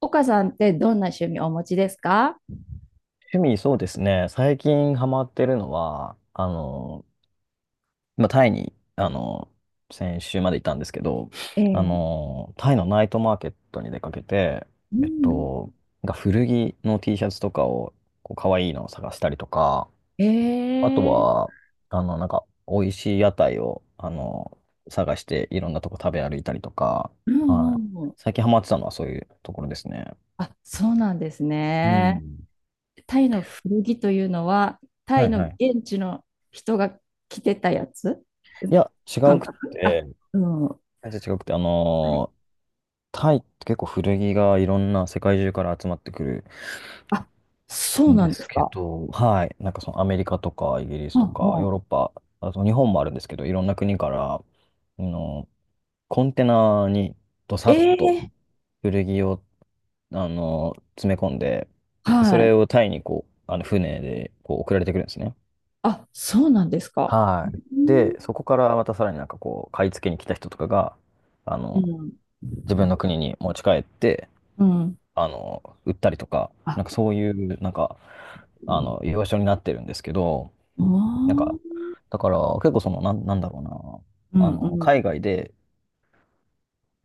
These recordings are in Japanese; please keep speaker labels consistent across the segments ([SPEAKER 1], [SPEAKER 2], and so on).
[SPEAKER 1] 岡さんってどんな趣味をお持ちですか？
[SPEAKER 2] 趣味、そうですね。最近ハマってるのは、タイに、先週までいたんですけど、
[SPEAKER 1] ええ。
[SPEAKER 2] タイのナイトマーケットに出かけて、
[SPEAKER 1] う
[SPEAKER 2] えっ
[SPEAKER 1] ん。
[SPEAKER 2] と、が古着の T シャツとかを、こう、可愛いのを探したりとか、
[SPEAKER 1] え
[SPEAKER 2] あと
[SPEAKER 1] え。
[SPEAKER 2] は、なんか、美味しい屋台を、探して、いろんなとこ食べ歩いたりとか、
[SPEAKER 1] うんう
[SPEAKER 2] はい。
[SPEAKER 1] んうん。
[SPEAKER 2] 最近ハマってたのはそういうところですね。
[SPEAKER 1] あ、そうなんです
[SPEAKER 2] う
[SPEAKER 1] ね。
[SPEAKER 2] ん。
[SPEAKER 1] タイの古着というのは、タ
[SPEAKER 2] は
[SPEAKER 1] イ
[SPEAKER 2] い
[SPEAKER 1] の
[SPEAKER 2] はい。
[SPEAKER 1] 現地の人が着てたやつ、う
[SPEAKER 2] い
[SPEAKER 1] ん、
[SPEAKER 2] や、違う
[SPEAKER 1] 感
[SPEAKER 2] くっ
[SPEAKER 1] 覚、あ、
[SPEAKER 2] て、
[SPEAKER 1] うん。はい。
[SPEAKER 2] 全然違くて、タイって結構古着がいろんな世界中から集まってくる
[SPEAKER 1] あ、そう
[SPEAKER 2] ん
[SPEAKER 1] な
[SPEAKER 2] で
[SPEAKER 1] んで
[SPEAKER 2] す
[SPEAKER 1] す
[SPEAKER 2] け
[SPEAKER 1] か。
[SPEAKER 2] ど、はい、なんかそのアメリカとかイギリ
[SPEAKER 1] う
[SPEAKER 2] ス
[SPEAKER 1] ん
[SPEAKER 2] とか
[SPEAKER 1] う
[SPEAKER 2] ヨー
[SPEAKER 1] ん。
[SPEAKER 2] ロッパ、あと日本もあるんですけど、いろんな国から、あのコンテナにどさ
[SPEAKER 1] え
[SPEAKER 2] っと
[SPEAKER 1] え。
[SPEAKER 2] 古着を、詰め込んで、そ
[SPEAKER 1] は
[SPEAKER 2] れ
[SPEAKER 1] い。
[SPEAKER 2] をタイにこう、船でこう送られてくるんですね。
[SPEAKER 1] あ、そうなんですか。
[SPEAKER 2] はい。
[SPEAKER 1] うん
[SPEAKER 2] で、そこからまたさらになんかこう、買い付けに来た人とかが、あ
[SPEAKER 1] う
[SPEAKER 2] の、
[SPEAKER 1] ん
[SPEAKER 2] 自分の国に持ち帰って、
[SPEAKER 1] うん。
[SPEAKER 2] 売ったりとか、
[SPEAKER 1] あ、
[SPEAKER 2] なんかそういう、なんか、居場所になってるんですけど、
[SPEAKER 1] お
[SPEAKER 2] なんか、
[SPEAKER 1] ー、
[SPEAKER 2] だから結構その、なん、なんだろう
[SPEAKER 1] う
[SPEAKER 2] な、
[SPEAKER 1] んうんう
[SPEAKER 2] 海
[SPEAKER 1] ん。
[SPEAKER 2] 外で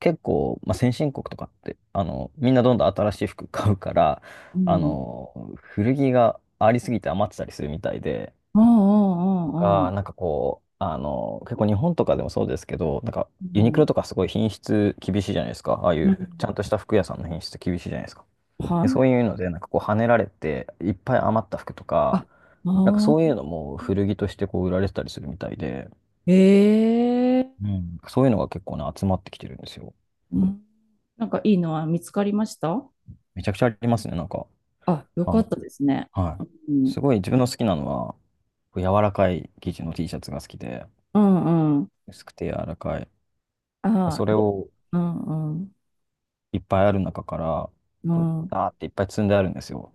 [SPEAKER 2] 結構、先進国とかって、みんなどんどん新しい服 買うから、
[SPEAKER 1] うん
[SPEAKER 2] 古着がありすぎて余ってたりするみたいで、
[SPEAKER 1] うんうんう
[SPEAKER 2] が、
[SPEAKER 1] ん
[SPEAKER 2] なんかこう、結構日本とかでもそうですけど、なんか
[SPEAKER 1] う
[SPEAKER 2] ユニク
[SPEAKER 1] ん。
[SPEAKER 2] ロとかすごい品質厳しいじゃないですか。ああい
[SPEAKER 1] うん。
[SPEAKER 2] うちゃんとした服屋さんの品質厳しいじゃないですか。で、
[SPEAKER 1] は
[SPEAKER 2] そ
[SPEAKER 1] い。
[SPEAKER 2] ういうので、なんかこう、跳ねられて、いっぱい余った服とか、
[SPEAKER 1] あ、
[SPEAKER 2] なんか
[SPEAKER 1] あ
[SPEAKER 2] そういうの
[SPEAKER 1] あ、
[SPEAKER 2] も古着としてこう、売られてたりするみたいで、
[SPEAKER 1] ええ、
[SPEAKER 2] うん。そういうのが結構ね、集まってきてるんですよ。
[SPEAKER 1] うん。なんかいいのは見つかりました？
[SPEAKER 2] めちゃくちゃありますね、なんか。
[SPEAKER 1] あ、よ
[SPEAKER 2] あ
[SPEAKER 1] か
[SPEAKER 2] の、
[SPEAKER 1] ったですね。
[SPEAKER 2] はい。
[SPEAKER 1] う
[SPEAKER 2] す
[SPEAKER 1] ん。
[SPEAKER 2] ごい自分の好きなのは、こう柔らかい生地の T シャツが好きで、
[SPEAKER 1] うんうん。
[SPEAKER 2] 薄くて柔らかい。
[SPEAKER 1] あ
[SPEAKER 2] そ
[SPEAKER 1] あ、
[SPEAKER 2] れ
[SPEAKER 1] で、
[SPEAKER 2] を
[SPEAKER 1] うんうん。
[SPEAKER 2] いっぱいある中から、
[SPEAKER 1] う
[SPEAKER 2] こう、
[SPEAKER 1] ん。
[SPEAKER 2] ダーっていっぱい積んであるんですよ。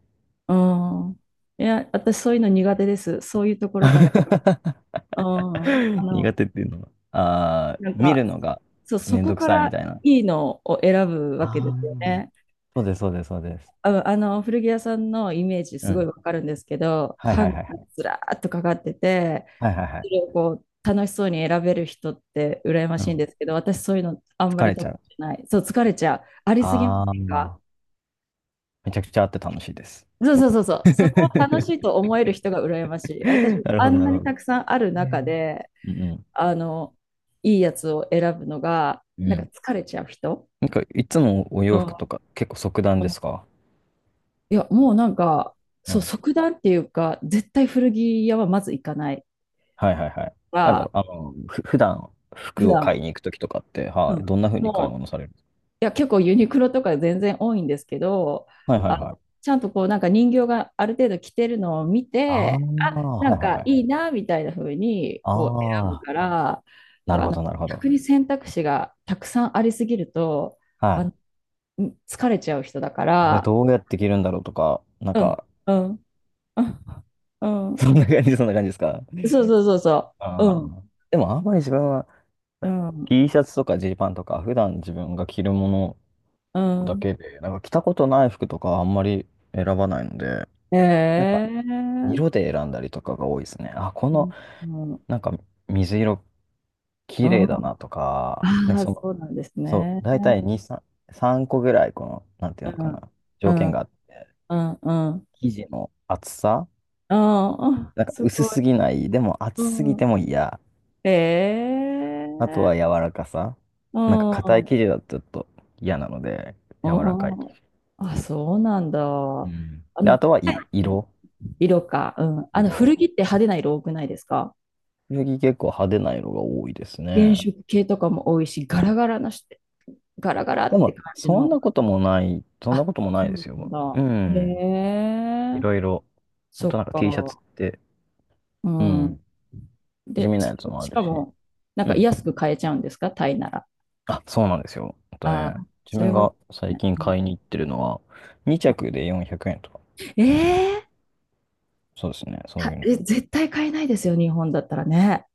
[SPEAKER 1] うん。いや、私そういうの苦手です。そういうところから。うん。
[SPEAKER 2] 苦手っていうのは？ああ、
[SPEAKER 1] なん
[SPEAKER 2] 見
[SPEAKER 1] か、
[SPEAKER 2] るのが
[SPEAKER 1] そう、そ
[SPEAKER 2] めん
[SPEAKER 1] こ
[SPEAKER 2] どく
[SPEAKER 1] か
[SPEAKER 2] さいみ
[SPEAKER 1] ら
[SPEAKER 2] たいな。
[SPEAKER 1] いいのを選ぶわけで
[SPEAKER 2] あ
[SPEAKER 1] すよ
[SPEAKER 2] あ。
[SPEAKER 1] ね。
[SPEAKER 2] そうです、そうです、そうです。
[SPEAKER 1] うん、古着屋さんのイメージ
[SPEAKER 2] う
[SPEAKER 1] すごい
[SPEAKER 2] ん。
[SPEAKER 1] わかるんですけど、
[SPEAKER 2] はい
[SPEAKER 1] ハ
[SPEAKER 2] は
[SPEAKER 1] ン
[SPEAKER 2] い
[SPEAKER 1] ガー
[SPEAKER 2] はいは
[SPEAKER 1] に
[SPEAKER 2] い。
[SPEAKER 1] ずらーっとかかってて、
[SPEAKER 2] はいはいは
[SPEAKER 1] そ
[SPEAKER 2] い。
[SPEAKER 1] れをこう楽しそうに選べる人って羨ま
[SPEAKER 2] う
[SPEAKER 1] しいん
[SPEAKER 2] ん。
[SPEAKER 1] ですけど、私そういうのあんま
[SPEAKER 2] 疲
[SPEAKER 1] り
[SPEAKER 2] れち
[SPEAKER 1] 得意
[SPEAKER 2] ゃう。
[SPEAKER 1] じゃない。そう、疲れちゃう。ありすぎま
[SPEAKER 2] あ
[SPEAKER 1] せんか？
[SPEAKER 2] あ、めちゃくちゃあって楽しいです。
[SPEAKER 1] そうそうそうそう。そこを楽しいと思える人が羨ましい。私、
[SPEAKER 2] なるほ
[SPEAKER 1] あ
[SPEAKER 2] ど、
[SPEAKER 1] ん
[SPEAKER 2] な
[SPEAKER 1] な
[SPEAKER 2] るほ
[SPEAKER 1] に
[SPEAKER 2] ど。
[SPEAKER 1] たくさんある
[SPEAKER 2] え
[SPEAKER 1] 中
[SPEAKER 2] ー
[SPEAKER 1] で、
[SPEAKER 2] うん
[SPEAKER 1] あの、いいやつを選ぶのが、
[SPEAKER 2] うん。
[SPEAKER 1] な
[SPEAKER 2] う
[SPEAKER 1] んか
[SPEAKER 2] ん。
[SPEAKER 1] 疲れちゃう人。
[SPEAKER 2] なんか、いつもお
[SPEAKER 1] う
[SPEAKER 2] 洋服と
[SPEAKER 1] ん。
[SPEAKER 2] か結構即断
[SPEAKER 1] う
[SPEAKER 2] で
[SPEAKER 1] ん。
[SPEAKER 2] すか？
[SPEAKER 1] いや、もうなんか、
[SPEAKER 2] う
[SPEAKER 1] そう、
[SPEAKER 2] ん。
[SPEAKER 1] 即断っていうか、絶対古着屋はまず行かない。
[SPEAKER 2] はいはいはい。なんだ
[SPEAKER 1] は、
[SPEAKER 2] ろう、普段
[SPEAKER 1] 普
[SPEAKER 2] 服を買
[SPEAKER 1] 段、
[SPEAKER 2] いに行くときとかって、
[SPEAKER 1] う
[SPEAKER 2] はい、
[SPEAKER 1] ん。
[SPEAKER 2] どんな風に買い
[SPEAKER 1] もう、
[SPEAKER 2] 物される？
[SPEAKER 1] いや、結構ユニクロとか全然多いんですけど、
[SPEAKER 2] はいはいはい。
[SPEAKER 1] ちゃんとこう、なんか人形がある程度着てるのを見
[SPEAKER 2] ああ、
[SPEAKER 1] て、な
[SPEAKER 2] は
[SPEAKER 1] ん
[SPEAKER 2] いはい
[SPEAKER 1] か
[SPEAKER 2] はい。
[SPEAKER 1] いいな、みたいな風に、こう、
[SPEAKER 2] あ
[SPEAKER 1] 選ぶ
[SPEAKER 2] あ、
[SPEAKER 1] から、
[SPEAKER 2] なる
[SPEAKER 1] あ
[SPEAKER 2] ほ
[SPEAKER 1] の、
[SPEAKER 2] ど、なるほ
[SPEAKER 1] 逆
[SPEAKER 2] ど。
[SPEAKER 1] に選択肢がたくさんありすぎると、
[SPEAKER 2] は
[SPEAKER 1] あ
[SPEAKER 2] い。
[SPEAKER 1] の、疲れちゃう人だか
[SPEAKER 2] これ
[SPEAKER 1] ら、
[SPEAKER 2] どうやって着るんだろうとか、なん
[SPEAKER 1] うん、
[SPEAKER 2] か、
[SPEAKER 1] うん、うん、う ん、
[SPEAKER 2] そんな感じ、そんな感じですか？
[SPEAKER 1] そうそうそうそ
[SPEAKER 2] あ
[SPEAKER 1] う、
[SPEAKER 2] ーでもあんまり自分は
[SPEAKER 1] うん、
[SPEAKER 2] T シャツとかジーパンとか普段自分が着るもの
[SPEAKER 1] うん、う
[SPEAKER 2] だ
[SPEAKER 1] ん、
[SPEAKER 2] けで、なんか着たことない服とかはあんまり選ばないので、なんか
[SPEAKER 1] ええ、
[SPEAKER 2] 色で選んだりとかが多いですね。あ、こ
[SPEAKER 1] う
[SPEAKER 2] の
[SPEAKER 1] ん、うん、
[SPEAKER 2] なんか水色
[SPEAKER 1] う
[SPEAKER 2] 綺
[SPEAKER 1] ん、
[SPEAKER 2] 麗だなとか、なん
[SPEAKER 1] あ
[SPEAKER 2] か
[SPEAKER 1] あ、
[SPEAKER 2] その、
[SPEAKER 1] そうなんです
[SPEAKER 2] そう、
[SPEAKER 1] ね。
[SPEAKER 2] 大体2、3、3個ぐらいこの、なんてい
[SPEAKER 1] う
[SPEAKER 2] うのか
[SPEAKER 1] ん、
[SPEAKER 2] な、
[SPEAKER 1] う
[SPEAKER 2] 条件が
[SPEAKER 1] ん、
[SPEAKER 2] あって、
[SPEAKER 1] うん、うん。
[SPEAKER 2] 生地の厚さ、
[SPEAKER 1] うん、あ、
[SPEAKER 2] なんか
[SPEAKER 1] す
[SPEAKER 2] 薄
[SPEAKER 1] ご
[SPEAKER 2] す
[SPEAKER 1] い。
[SPEAKER 2] ぎない、でも厚すぎて
[SPEAKER 1] う
[SPEAKER 2] も嫌、
[SPEAKER 1] ん。
[SPEAKER 2] あと
[SPEAKER 1] え
[SPEAKER 2] は柔
[SPEAKER 1] え、
[SPEAKER 2] らかさ。
[SPEAKER 1] う
[SPEAKER 2] なんか
[SPEAKER 1] ん、
[SPEAKER 2] 硬
[SPEAKER 1] う
[SPEAKER 2] い
[SPEAKER 1] ん。
[SPEAKER 2] 生地だとちょっと嫌なので、柔らかい。
[SPEAKER 1] あ、そうなんだ。
[SPEAKER 2] う
[SPEAKER 1] あ
[SPEAKER 2] ん。で、あ
[SPEAKER 1] の、
[SPEAKER 2] とはい色。
[SPEAKER 1] 色か。うん。あの、古着っ
[SPEAKER 2] 色。
[SPEAKER 1] て派手な色多くないですか？
[SPEAKER 2] 次結構派手な色が多いです
[SPEAKER 1] 原
[SPEAKER 2] ね。
[SPEAKER 1] 色系とかも多いし、ガラガラなして、ガラガラ
[SPEAKER 2] で
[SPEAKER 1] って
[SPEAKER 2] も、
[SPEAKER 1] 感じ
[SPEAKER 2] そんな
[SPEAKER 1] の。
[SPEAKER 2] こともない、そんな
[SPEAKER 1] あ、
[SPEAKER 2] こともな
[SPEAKER 1] そ
[SPEAKER 2] いで
[SPEAKER 1] う
[SPEAKER 2] す
[SPEAKER 1] なん
[SPEAKER 2] よ。
[SPEAKER 1] だ。
[SPEAKER 2] う
[SPEAKER 1] へ
[SPEAKER 2] ん。い
[SPEAKER 1] え、
[SPEAKER 2] ろいろ。ほん
[SPEAKER 1] そ
[SPEAKER 2] と
[SPEAKER 1] っ
[SPEAKER 2] なんか T シャツっ
[SPEAKER 1] か。
[SPEAKER 2] て、
[SPEAKER 1] う
[SPEAKER 2] う
[SPEAKER 1] ん。
[SPEAKER 2] ん。地
[SPEAKER 1] で、
[SPEAKER 2] 味なやつもあ
[SPEAKER 1] し
[SPEAKER 2] る
[SPEAKER 1] か
[SPEAKER 2] し。
[SPEAKER 1] も、なん
[SPEAKER 2] う
[SPEAKER 1] か
[SPEAKER 2] ん。
[SPEAKER 1] 安く買えちゃうんですか、タイなら。
[SPEAKER 2] あ、そうなんですよ。あと
[SPEAKER 1] あ
[SPEAKER 2] ね、
[SPEAKER 1] あ、
[SPEAKER 2] 自
[SPEAKER 1] それ
[SPEAKER 2] 分
[SPEAKER 1] はい
[SPEAKER 2] が
[SPEAKER 1] い
[SPEAKER 2] 最
[SPEAKER 1] ね。
[SPEAKER 2] 近
[SPEAKER 1] うん、
[SPEAKER 2] 買いに行ってるのは、2着で400円とか。
[SPEAKER 1] ええ、
[SPEAKER 2] そうですね。そうい
[SPEAKER 1] た
[SPEAKER 2] うの。
[SPEAKER 1] え、絶対買えないですよ、日本だったらね。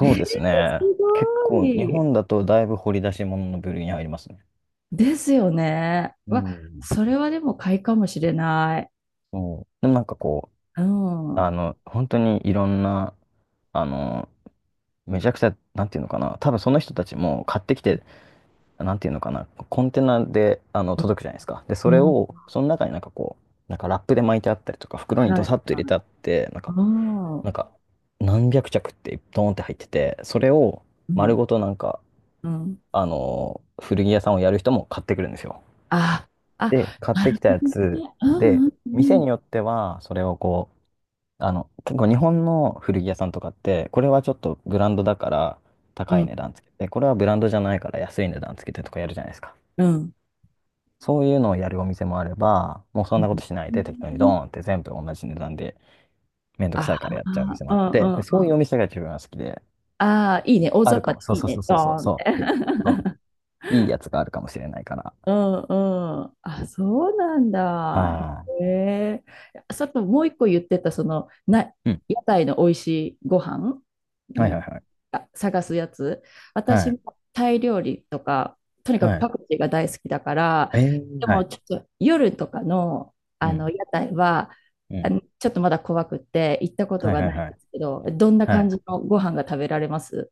[SPEAKER 1] ええ、
[SPEAKER 2] うです
[SPEAKER 1] す
[SPEAKER 2] ね。結
[SPEAKER 1] ご
[SPEAKER 2] 構、日
[SPEAKER 1] い。
[SPEAKER 2] 本だとだいぶ掘り出し物の部類に入りますね。
[SPEAKER 1] ですよね。
[SPEAKER 2] う
[SPEAKER 1] わ、
[SPEAKER 2] ん。
[SPEAKER 1] それはでも買いかもしれない。
[SPEAKER 2] そう。でもなんかこ
[SPEAKER 1] うん。
[SPEAKER 2] う、
[SPEAKER 1] うん、
[SPEAKER 2] 本当にいろんな、あの、めちゃくちゃ、なんていうのかな、多分その人たちも買ってきて、なんていうのかな、コンテナで、届くじゃないですか。で、それ
[SPEAKER 1] は
[SPEAKER 2] を、その中になんかこう、なんかラップで巻いてあったりとか、袋
[SPEAKER 1] い
[SPEAKER 2] に
[SPEAKER 1] は
[SPEAKER 2] ド
[SPEAKER 1] い。
[SPEAKER 2] サッと入れてあって、なんか、
[SPEAKER 1] うん、う
[SPEAKER 2] なんか、何百着ってドーンって入ってて、それを丸
[SPEAKER 1] ん、
[SPEAKER 2] ごとなんか、
[SPEAKER 1] うん。
[SPEAKER 2] 古着屋さんをやる人も買ってくるんですよ。
[SPEAKER 1] あ、
[SPEAKER 2] で、
[SPEAKER 1] あ、
[SPEAKER 2] 買っ
[SPEAKER 1] な
[SPEAKER 2] て
[SPEAKER 1] る
[SPEAKER 2] きた
[SPEAKER 1] ほ
[SPEAKER 2] や
[SPEAKER 1] ど
[SPEAKER 2] つ
[SPEAKER 1] ね。
[SPEAKER 2] で、
[SPEAKER 1] う
[SPEAKER 2] 店
[SPEAKER 1] ん、
[SPEAKER 2] によっては、それをこう、結構日本の古着屋さんとかって、これはちょっとブランドだから
[SPEAKER 1] う
[SPEAKER 2] 高い
[SPEAKER 1] ん、
[SPEAKER 2] 値段つけて、これはブランドじゃないから安い値段つけてとかやるじゃないですか。
[SPEAKER 1] うん、うん。
[SPEAKER 2] そういうのをやるお店もあれば、もうそ
[SPEAKER 1] う
[SPEAKER 2] んなこ
[SPEAKER 1] ん。
[SPEAKER 2] としない
[SPEAKER 1] う
[SPEAKER 2] で適当にドー
[SPEAKER 1] ん、
[SPEAKER 2] ンって全部同じ値段でめんどくさ
[SPEAKER 1] あ
[SPEAKER 2] いからやっちゃうお店も
[SPEAKER 1] あ、う
[SPEAKER 2] あっ
[SPEAKER 1] ん、
[SPEAKER 2] て、
[SPEAKER 1] う
[SPEAKER 2] で、
[SPEAKER 1] ん、
[SPEAKER 2] そう
[SPEAKER 1] う
[SPEAKER 2] いうお
[SPEAKER 1] ん。
[SPEAKER 2] 店が自分は好きで、
[SPEAKER 1] ああ、いいね。大
[SPEAKER 2] あ
[SPEAKER 1] 雑
[SPEAKER 2] る
[SPEAKER 1] 把
[SPEAKER 2] か
[SPEAKER 1] で
[SPEAKER 2] も。そう
[SPEAKER 1] いい
[SPEAKER 2] そうそ
[SPEAKER 1] ね。
[SPEAKER 2] う
[SPEAKER 1] ド
[SPEAKER 2] そ
[SPEAKER 1] ー
[SPEAKER 2] うそう
[SPEAKER 1] ンって。
[SPEAKER 2] そう。で、そう、いいやつがあるかもしれないから。
[SPEAKER 1] うんうん。あ、そうなんだ。
[SPEAKER 2] は
[SPEAKER 1] へえ。さっきもう一個言ってた、その、な、
[SPEAKER 2] ーい。うん。
[SPEAKER 1] 屋台の美味しいご飯
[SPEAKER 2] はいはい
[SPEAKER 1] の、
[SPEAKER 2] はい。
[SPEAKER 1] あ、探すやつ。
[SPEAKER 2] は
[SPEAKER 1] 私
[SPEAKER 2] い。
[SPEAKER 1] もタイ料理とか、とにかく
[SPEAKER 2] は
[SPEAKER 1] パ
[SPEAKER 2] い。
[SPEAKER 1] クチーが大好きだから、
[SPEAKER 2] えー、
[SPEAKER 1] で
[SPEAKER 2] は
[SPEAKER 1] も
[SPEAKER 2] い。
[SPEAKER 1] ちょっと夜とかの、
[SPEAKER 2] う
[SPEAKER 1] あの
[SPEAKER 2] ん。
[SPEAKER 1] 屋台は、
[SPEAKER 2] う
[SPEAKER 1] あ
[SPEAKER 2] ん。
[SPEAKER 1] のちょっとまだ怖くって行ったこと
[SPEAKER 2] はい
[SPEAKER 1] が
[SPEAKER 2] は
[SPEAKER 1] な
[SPEAKER 2] い
[SPEAKER 1] いん
[SPEAKER 2] は
[SPEAKER 1] で
[SPEAKER 2] い。
[SPEAKER 1] すけど、どんな
[SPEAKER 2] は
[SPEAKER 1] 感
[SPEAKER 2] い。
[SPEAKER 1] じのご飯が食べられます、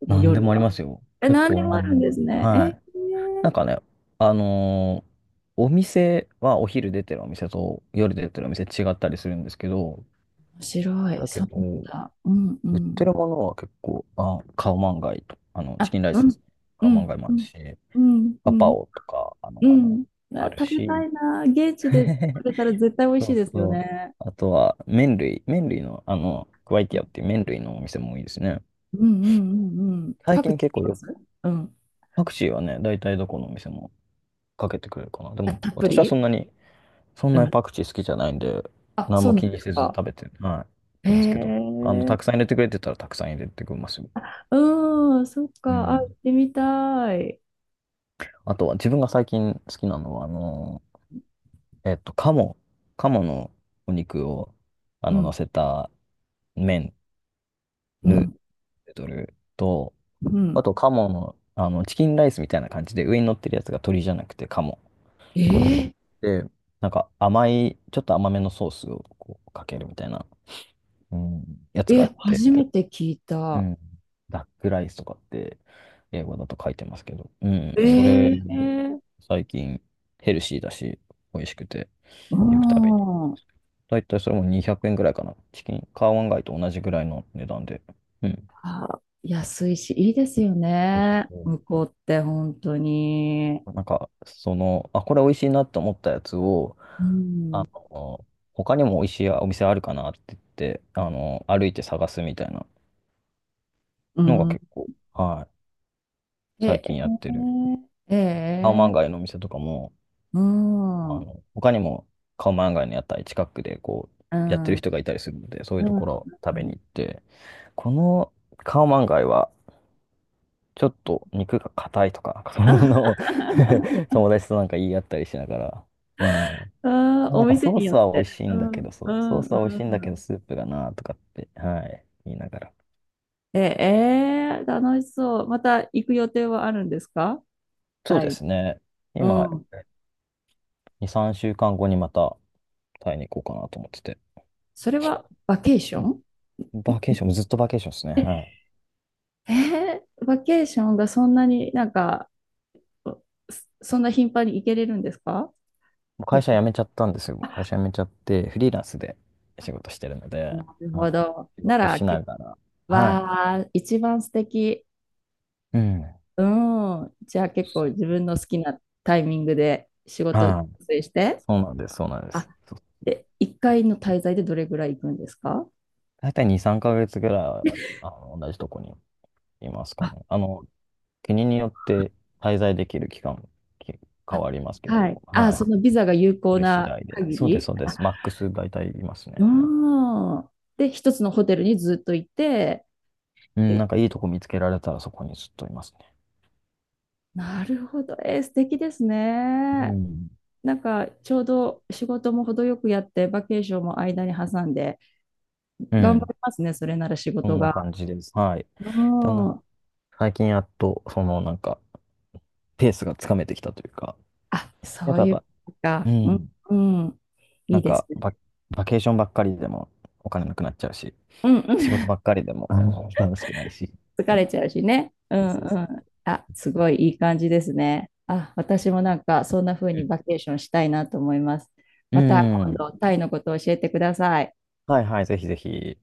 [SPEAKER 1] この
[SPEAKER 2] なんで
[SPEAKER 1] 夜
[SPEAKER 2] もありま
[SPEAKER 1] は？
[SPEAKER 2] すよ。
[SPEAKER 1] え、
[SPEAKER 2] 結
[SPEAKER 1] 何で
[SPEAKER 2] 構
[SPEAKER 1] も
[SPEAKER 2] な
[SPEAKER 1] あ
[SPEAKER 2] んで
[SPEAKER 1] るん
[SPEAKER 2] も
[SPEAKER 1] で
[SPEAKER 2] あ
[SPEAKER 1] す
[SPEAKER 2] る。
[SPEAKER 1] ね。え
[SPEAKER 2] はい。な
[SPEAKER 1] ー、
[SPEAKER 2] んかね、あのーお店はお昼出てるお店と夜出てるお店違ったりするんですけど、
[SPEAKER 1] 面白い。
[SPEAKER 2] だ
[SPEAKER 1] そ
[SPEAKER 2] け
[SPEAKER 1] う
[SPEAKER 2] ど、
[SPEAKER 1] なんだ。うんう
[SPEAKER 2] 売っ
[SPEAKER 1] ん。
[SPEAKER 2] てるものは結構、あ、カオマンガイと、チ
[SPEAKER 1] あ、
[SPEAKER 2] キンライ
[SPEAKER 1] う
[SPEAKER 2] スです
[SPEAKER 1] ん。
[SPEAKER 2] ね。
[SPEAKER 1] う
[SPEAKER 2] カオマン
[SPEAKER 1] ん。
[SPEAKER 2] ガイも
[SPEAKER 1] う
[SPEAKER 2] ある
[SPEAKER 1] ん。
[SPEAKER 2] し、
[SPEAKER 1] うん。う
[SPEAKER 2] パパ
[SPEAKER 1] ん。
[SPEAKER 2] オとか、
[SPEAKER 1] うん、あ、
[SPEAKER 2] ある
[SPEAKER 1] 食べた
[SPEAKER 2] し、
[SPEAKER 1] いな。現地で食 べたら絶対美味し
[SPEAKER 2] そ
[SPEAKER 1] い
[SPEAKER 2] う
[SPEAKER 1] ですよ
[SPEAKER 2] そう。
[SPEAKER 1] ね。
[SPEAKER 2] あとは、麺類の、クワイ
[SPEAKER 1] う
[SPEAKER 2] ティ
[SPEAKER 1] ん
[SPEAKER 2] アっていう麺類のお店もいいですね。
[SPEAKER 1] うんうんうんうん。
[SPEAKER 2] 最
[SPEAKER 1] パク
[SPEAKER 2] 近
[SPEAKER 1] チーい
[SPEAKER 2] 結
[SPEAKER 1] き
[SPEAKER 2] 構
[SPEAKER 1] ま
[SPEAKER 2] よ、
[SPEAKER 1] す？うん。
[SPEAKER 2] パクチーはね、大体どこのお店もかけてくれるかな。で
[SPEAKER 1] あ、
[SPEAKER 2] も、
[SPEAKER 1] たっぷ
[SPEAKER 2] 私はそ
[SPEAKER 1] り、
[SPEAKER 2] んなに、そん
[SPEAKER 1] う
[SPEAKER 2] なに
[SPEAKER 1] ん。
[SPEAKER 2] パクチー好きじゃないんで、
[SPEAKER 1] あ、
[SPEAKER 2] 何
[SPEAKER 1] そう
[SPEAKER 2] も
[SPEAKER 1] な
[SPEAKER 2] 気
[SPEAKER 1] んで
[SPEAKER 2] に
[SPEAKER 1] す
[SPEAKER 2] せず
[SPEAKER 1] か。
[SPEAKER 2] 食べて、はい、食べ
[SPEAKER 1] へ
[SPEAKER 2] てますけど、
[SPEAKER 1] え。
[SPEAKER 2] たくさん入れてくれてたらたくさん入れてくれますよ。
[SPEAKER 1] うん、そっ
[SPEAKER 2] う
[SPEAKER 1] か。あ、行っ
[SPEAKER 2] ん。
[SPEAKER 1] てみたい。
[SPEAKER 2] あとは、自分が最近好きなのは、えっと、鴨、鴨のお肉を、
[SPEAKER 1] う
[SPEAKER 2] 乗
[SPEAKER 1] ん。
[SPEAKER 2] せた麺、
[SPEAKER 1] う
[SPEAKER 2] ヌー
[SPEAKER 1] ん。
[SPEAKER 2] ドルと、
[SPEAKER 1] うん。
[SPEAKER 2] あと、鴨の、チキンライスみたいな感じで、上に乗ってるやつが鶏じゃなくて鴨。
[SPEAKER 1] え
[SPEAKER 2] で、なんか甘い、ちょっと甘めのソースをこうかけるみたいな。うん、や
[SPEAKER 1] ー、
[SPEAKER 2] つがあ
[SPEAKER 1] え、
[SPEAKER 2] って、
[SPEAKER 1] 初めて聞い
[SPEAKER 2] う
[SPEAKER 1] た。
[SPEAKER 2] ん、ダックライスとかって英語だと書いてますけど、うん、
[SPEAKER 1] え
[SPEAKER 2] それ、
[SPEAKER 1] え、
[SPEAKER 2] 最近ヘルシーだし、美味しくて、
[SPEAKER 1] う
[SPEAKER 2] よく食べに行く
[SPEAKER 1] ん。
[SPEAKER 2] だいたいそれも200円ぐらいかな。チキン、カーワンガイと同じぐらいの値段で。うん。
[SPEAKER 1] あ、安いし、いいですよ
[SPEAKER 2] そうそう
[SPEAKER 1] ね。
[SPEAKER 2] そ
[SPEAKER 1] 向こうって本当に。
[SPEAKER 2] う。なんか、その、あ、これ美味しいなと思ったやつを、
[SPEAKER 1] うん。
[SPEAKER 2] あの、他にも美味しいお店あるかなって言って、歩いて探すみたいな
[SPEAKER 1] う
[SPEAKER 2] のが
[SPEAKER 1] ん。
[SPEAKER 2] 結構、はい、最
[SPEAKER 1] え、
[SPEAKER 2] 近
[SPEAKER 1] え、
[SPEAKER 2] やってるカオマ
[SPEAKER 1] え
[SPEAKER 2] ンガ
[SPEAKER 1] え、
[SPEAKER 2] イのお店とかも、
[SPEAKER 1] うん。うん。
[SPEAKER 2] 他にもカオマンガイの屋台近くでこう、
[SPEAKER 1] う
[SPEAKER 2] やってる
[SPEAKER 1] ん。
[SPEAKER 2] 人がいたりするので、そうい
[SPEAKER 1] う
[SPEAKER 2] うところ食べに
[SPEAKER 1] ん。
[SPEAKER 2] 行って、このカオマンガイは、ちょっと肉が硬いとか、そんなのを 友達となんか言い合ったりしながら、うん。こ
[SPEAKER 1] あ、
[SPEAKER 2] こは
[SPEAKER 1] お
[SPEAKER 2] なんか
[SPEAKER 1] 店
[SPEAKER 2] ソー
[SPEAKER 1] によ
[SPEAKER 2] ス
[SPEAKER 1] っ
[SPEAKER 2] は美
[SPEAKER 1] て。
[SPEAKER 2] 味しい
[SPEAKER 1] う
[SPEAKER 2] んだ
[SPEAKER 1] ん。
[SPEAKER 2] けど、そ
[SPEAKER 1] う
[SPEAKER 2] う、ソー
[SPEAKER 1] ん。
[SPEAKER 2] スは美
[SPEAKER 1] う
[SPEAKER 2] 味しいんだ
[SPEAKER 1] ん。
[SPEAKER 2] けど、スープがなとかって、はい、言いながら。
[SPEAKER 1] え、えー、楽しそう。また行く予定はあるんですか、
[SPEAKER 2] そう
[SPEAKER 1] タ
[SPEAKER 2] で
[SPEAKER 1] イ。
[SPEAKER 2] すね。
[SPEAKER 1] う
[SPEAKER 2] 今、
[SPEAKER 1] ん。
[SPEAKER 2] 2、3週間後にまたタイに行こうかなと思ってて。
[SPEAKER 1] それはバケーショ
[SPEAKER 2] う
[SPEAKER 1] ン？
[SPEAKER 2] んバーケーション、ずっとバーケーションですね。はい。
[SPEAKER 1] えー、バケーションがそんなになんか、そんな頻繁に行けれるんですか？
[SPEAKER 2] もう会社辞めちゃったんですよ。会社
[SPEAKER 1] あ、
[SPEAKER 2] 辞めちゃって、フリーランスで仕事してるので、
[SPEAKER 1] なるほ
[SPEAKER 2] は
[SPEAKER 1] ど。
[SPEAKER 2] い。仕
[SPEAKER 1] な
[SPEAKER 2] 事
[SPEAKER 1] ら、
[SPEAKER 2] しな
[SPEAKER 1] け、
[SPEAKER 2] がら、はい。
[SPEAKER 1] わあ、一番素敵。
[SPEAKER 2] うん。
[SPEAKER 1] うん。じゃあ結構自分の好きなタイミングで仕事を調
[SPEAKER 2] はい。
[SPEAKER 1] 整して。
[SPEAKER 2] そうなんです、そうなんで
[SPEAKER 1] あ、
[SPEAKER 2] す。そう
[SPEAKER 1] で、1回の滞在でどれぐらい行くんですか？
[SPEAKER 2] 大体2、3ヶ月ぐらい、同じとこにいますか
[SPEAKER 1] あ、
[SPEAKER 2] ね。国によって滞在できる期間、き変
[SPEAKER 1] あ、
[SPEAKER 2] わりますけ
[SPEAKER 1] は
[SPEAKER 2] ど、
[SPEAKER 1] い。あ、
[SPEAKER 2] は
[SPEAKER 1] そ
[SPEAKER 2] い。
[SPEAKER 1] のビザが有
[SPEAKER 2] そ
[SPEAKER 1] 効
[SPEAKER 2] れ次
[SPEAKER 1] な
[SPEAKER 2] 第で。
[SPEAKER 1] 限
[SPEAKER 2] そうです、そ
[SPEAKER 1] り。
[SPEAKER 2] うです。マックス大体います
[SPEAKER 1] う
[SPEAKER 2] ね。
[SPEAKER 1] ん。で、一つのホテルにずっといて。
[SPEAKER 2] う
[SPEAKER 1] ってい
[SPEAKER 2] ん、なん
[SPEAKER 1] う、
[SPEAKER 2] かいいとこ見つけられたらそこにずっといますね。
[SPEAKER 1] なるほど。えー、素敵です
[SPEAKER 2] う
[SPEAKER 1] ね。
[SPEAKER 2] ん。
[SPEAKER 1] なんかちょうど仕事も程よくやって、バケーションも間に挟んで、
[SPEAKER 2] う
[SPEAKER 1] 頑張
[SPEAKER 2] ん。
[SPEAKER 1] りますね、それなら仕
[SPEAKER 2] そ
[SPEAKER 1] 事
[SPEAKER 2] んな
[SPEAKER 1] が。
[SPEAKER 2] 感じです。はい。
[SPEAKER 1] う
[SPEAKER 2] だな
[SPEAKER 1] ん。
[SPEAKER 2] 最近やっと、そのなんか、ペースがつかめてきたというか、
[SPEAKER 1] あ、
[SPEAKER 2] や
[SPEAKER 1] そ
[SPEAKER 2] っ
[SPEAKER 1] う
[SPEAKER 2] ぱやっ
[SPEAKER 1] いう
[SPEAKER 2] ぱ、
[SPEAKER 1] こと
[SPEAKER 2] う
[SPEAKER 1] か。うん、
[SPEAKER 2] ん、
[SPEAKER 1] うん。い
[SPEAKER 2] な
[SPEAKER 1] い
[SPEAKER 2] ん
[SPEAKER 1] です
[SPEAKER 2] か
[SPEAKER 1] ね。
[SPEAKER 2] バ、バケーションばっかりでもお金なくなっちゃうし、
[SPEAKER 1] うん、う
[SPEAKER 2] 仕事
[SPEAKER 1] ん。
[SPEAKER 2] ばっかりでもうん楽しくないし。
[SPEAKER 1] 疲れちゃうしね。う
[SPEAKER 2] そう
[SPEAKER 1] ん、う
[SPEAKER 2] そうそ
[SPEAKER 1] ん。
[SPEAKER 2] う。
[SPEAKER 1] あ、すごいいい感じですね。あ、私もなんかそんな風にバケーションしたいなと思います。
[SPEAKER 2] う
[SPEAKER 1] また
[SPEAKER 2] ん。う
[SPEAKER 1] 今
[SPEAKER 2] ん。
[SPEAKER 1] 度、タイのことを教えてください。
[SPEAKER 2] はいはい、ぜひぜひ。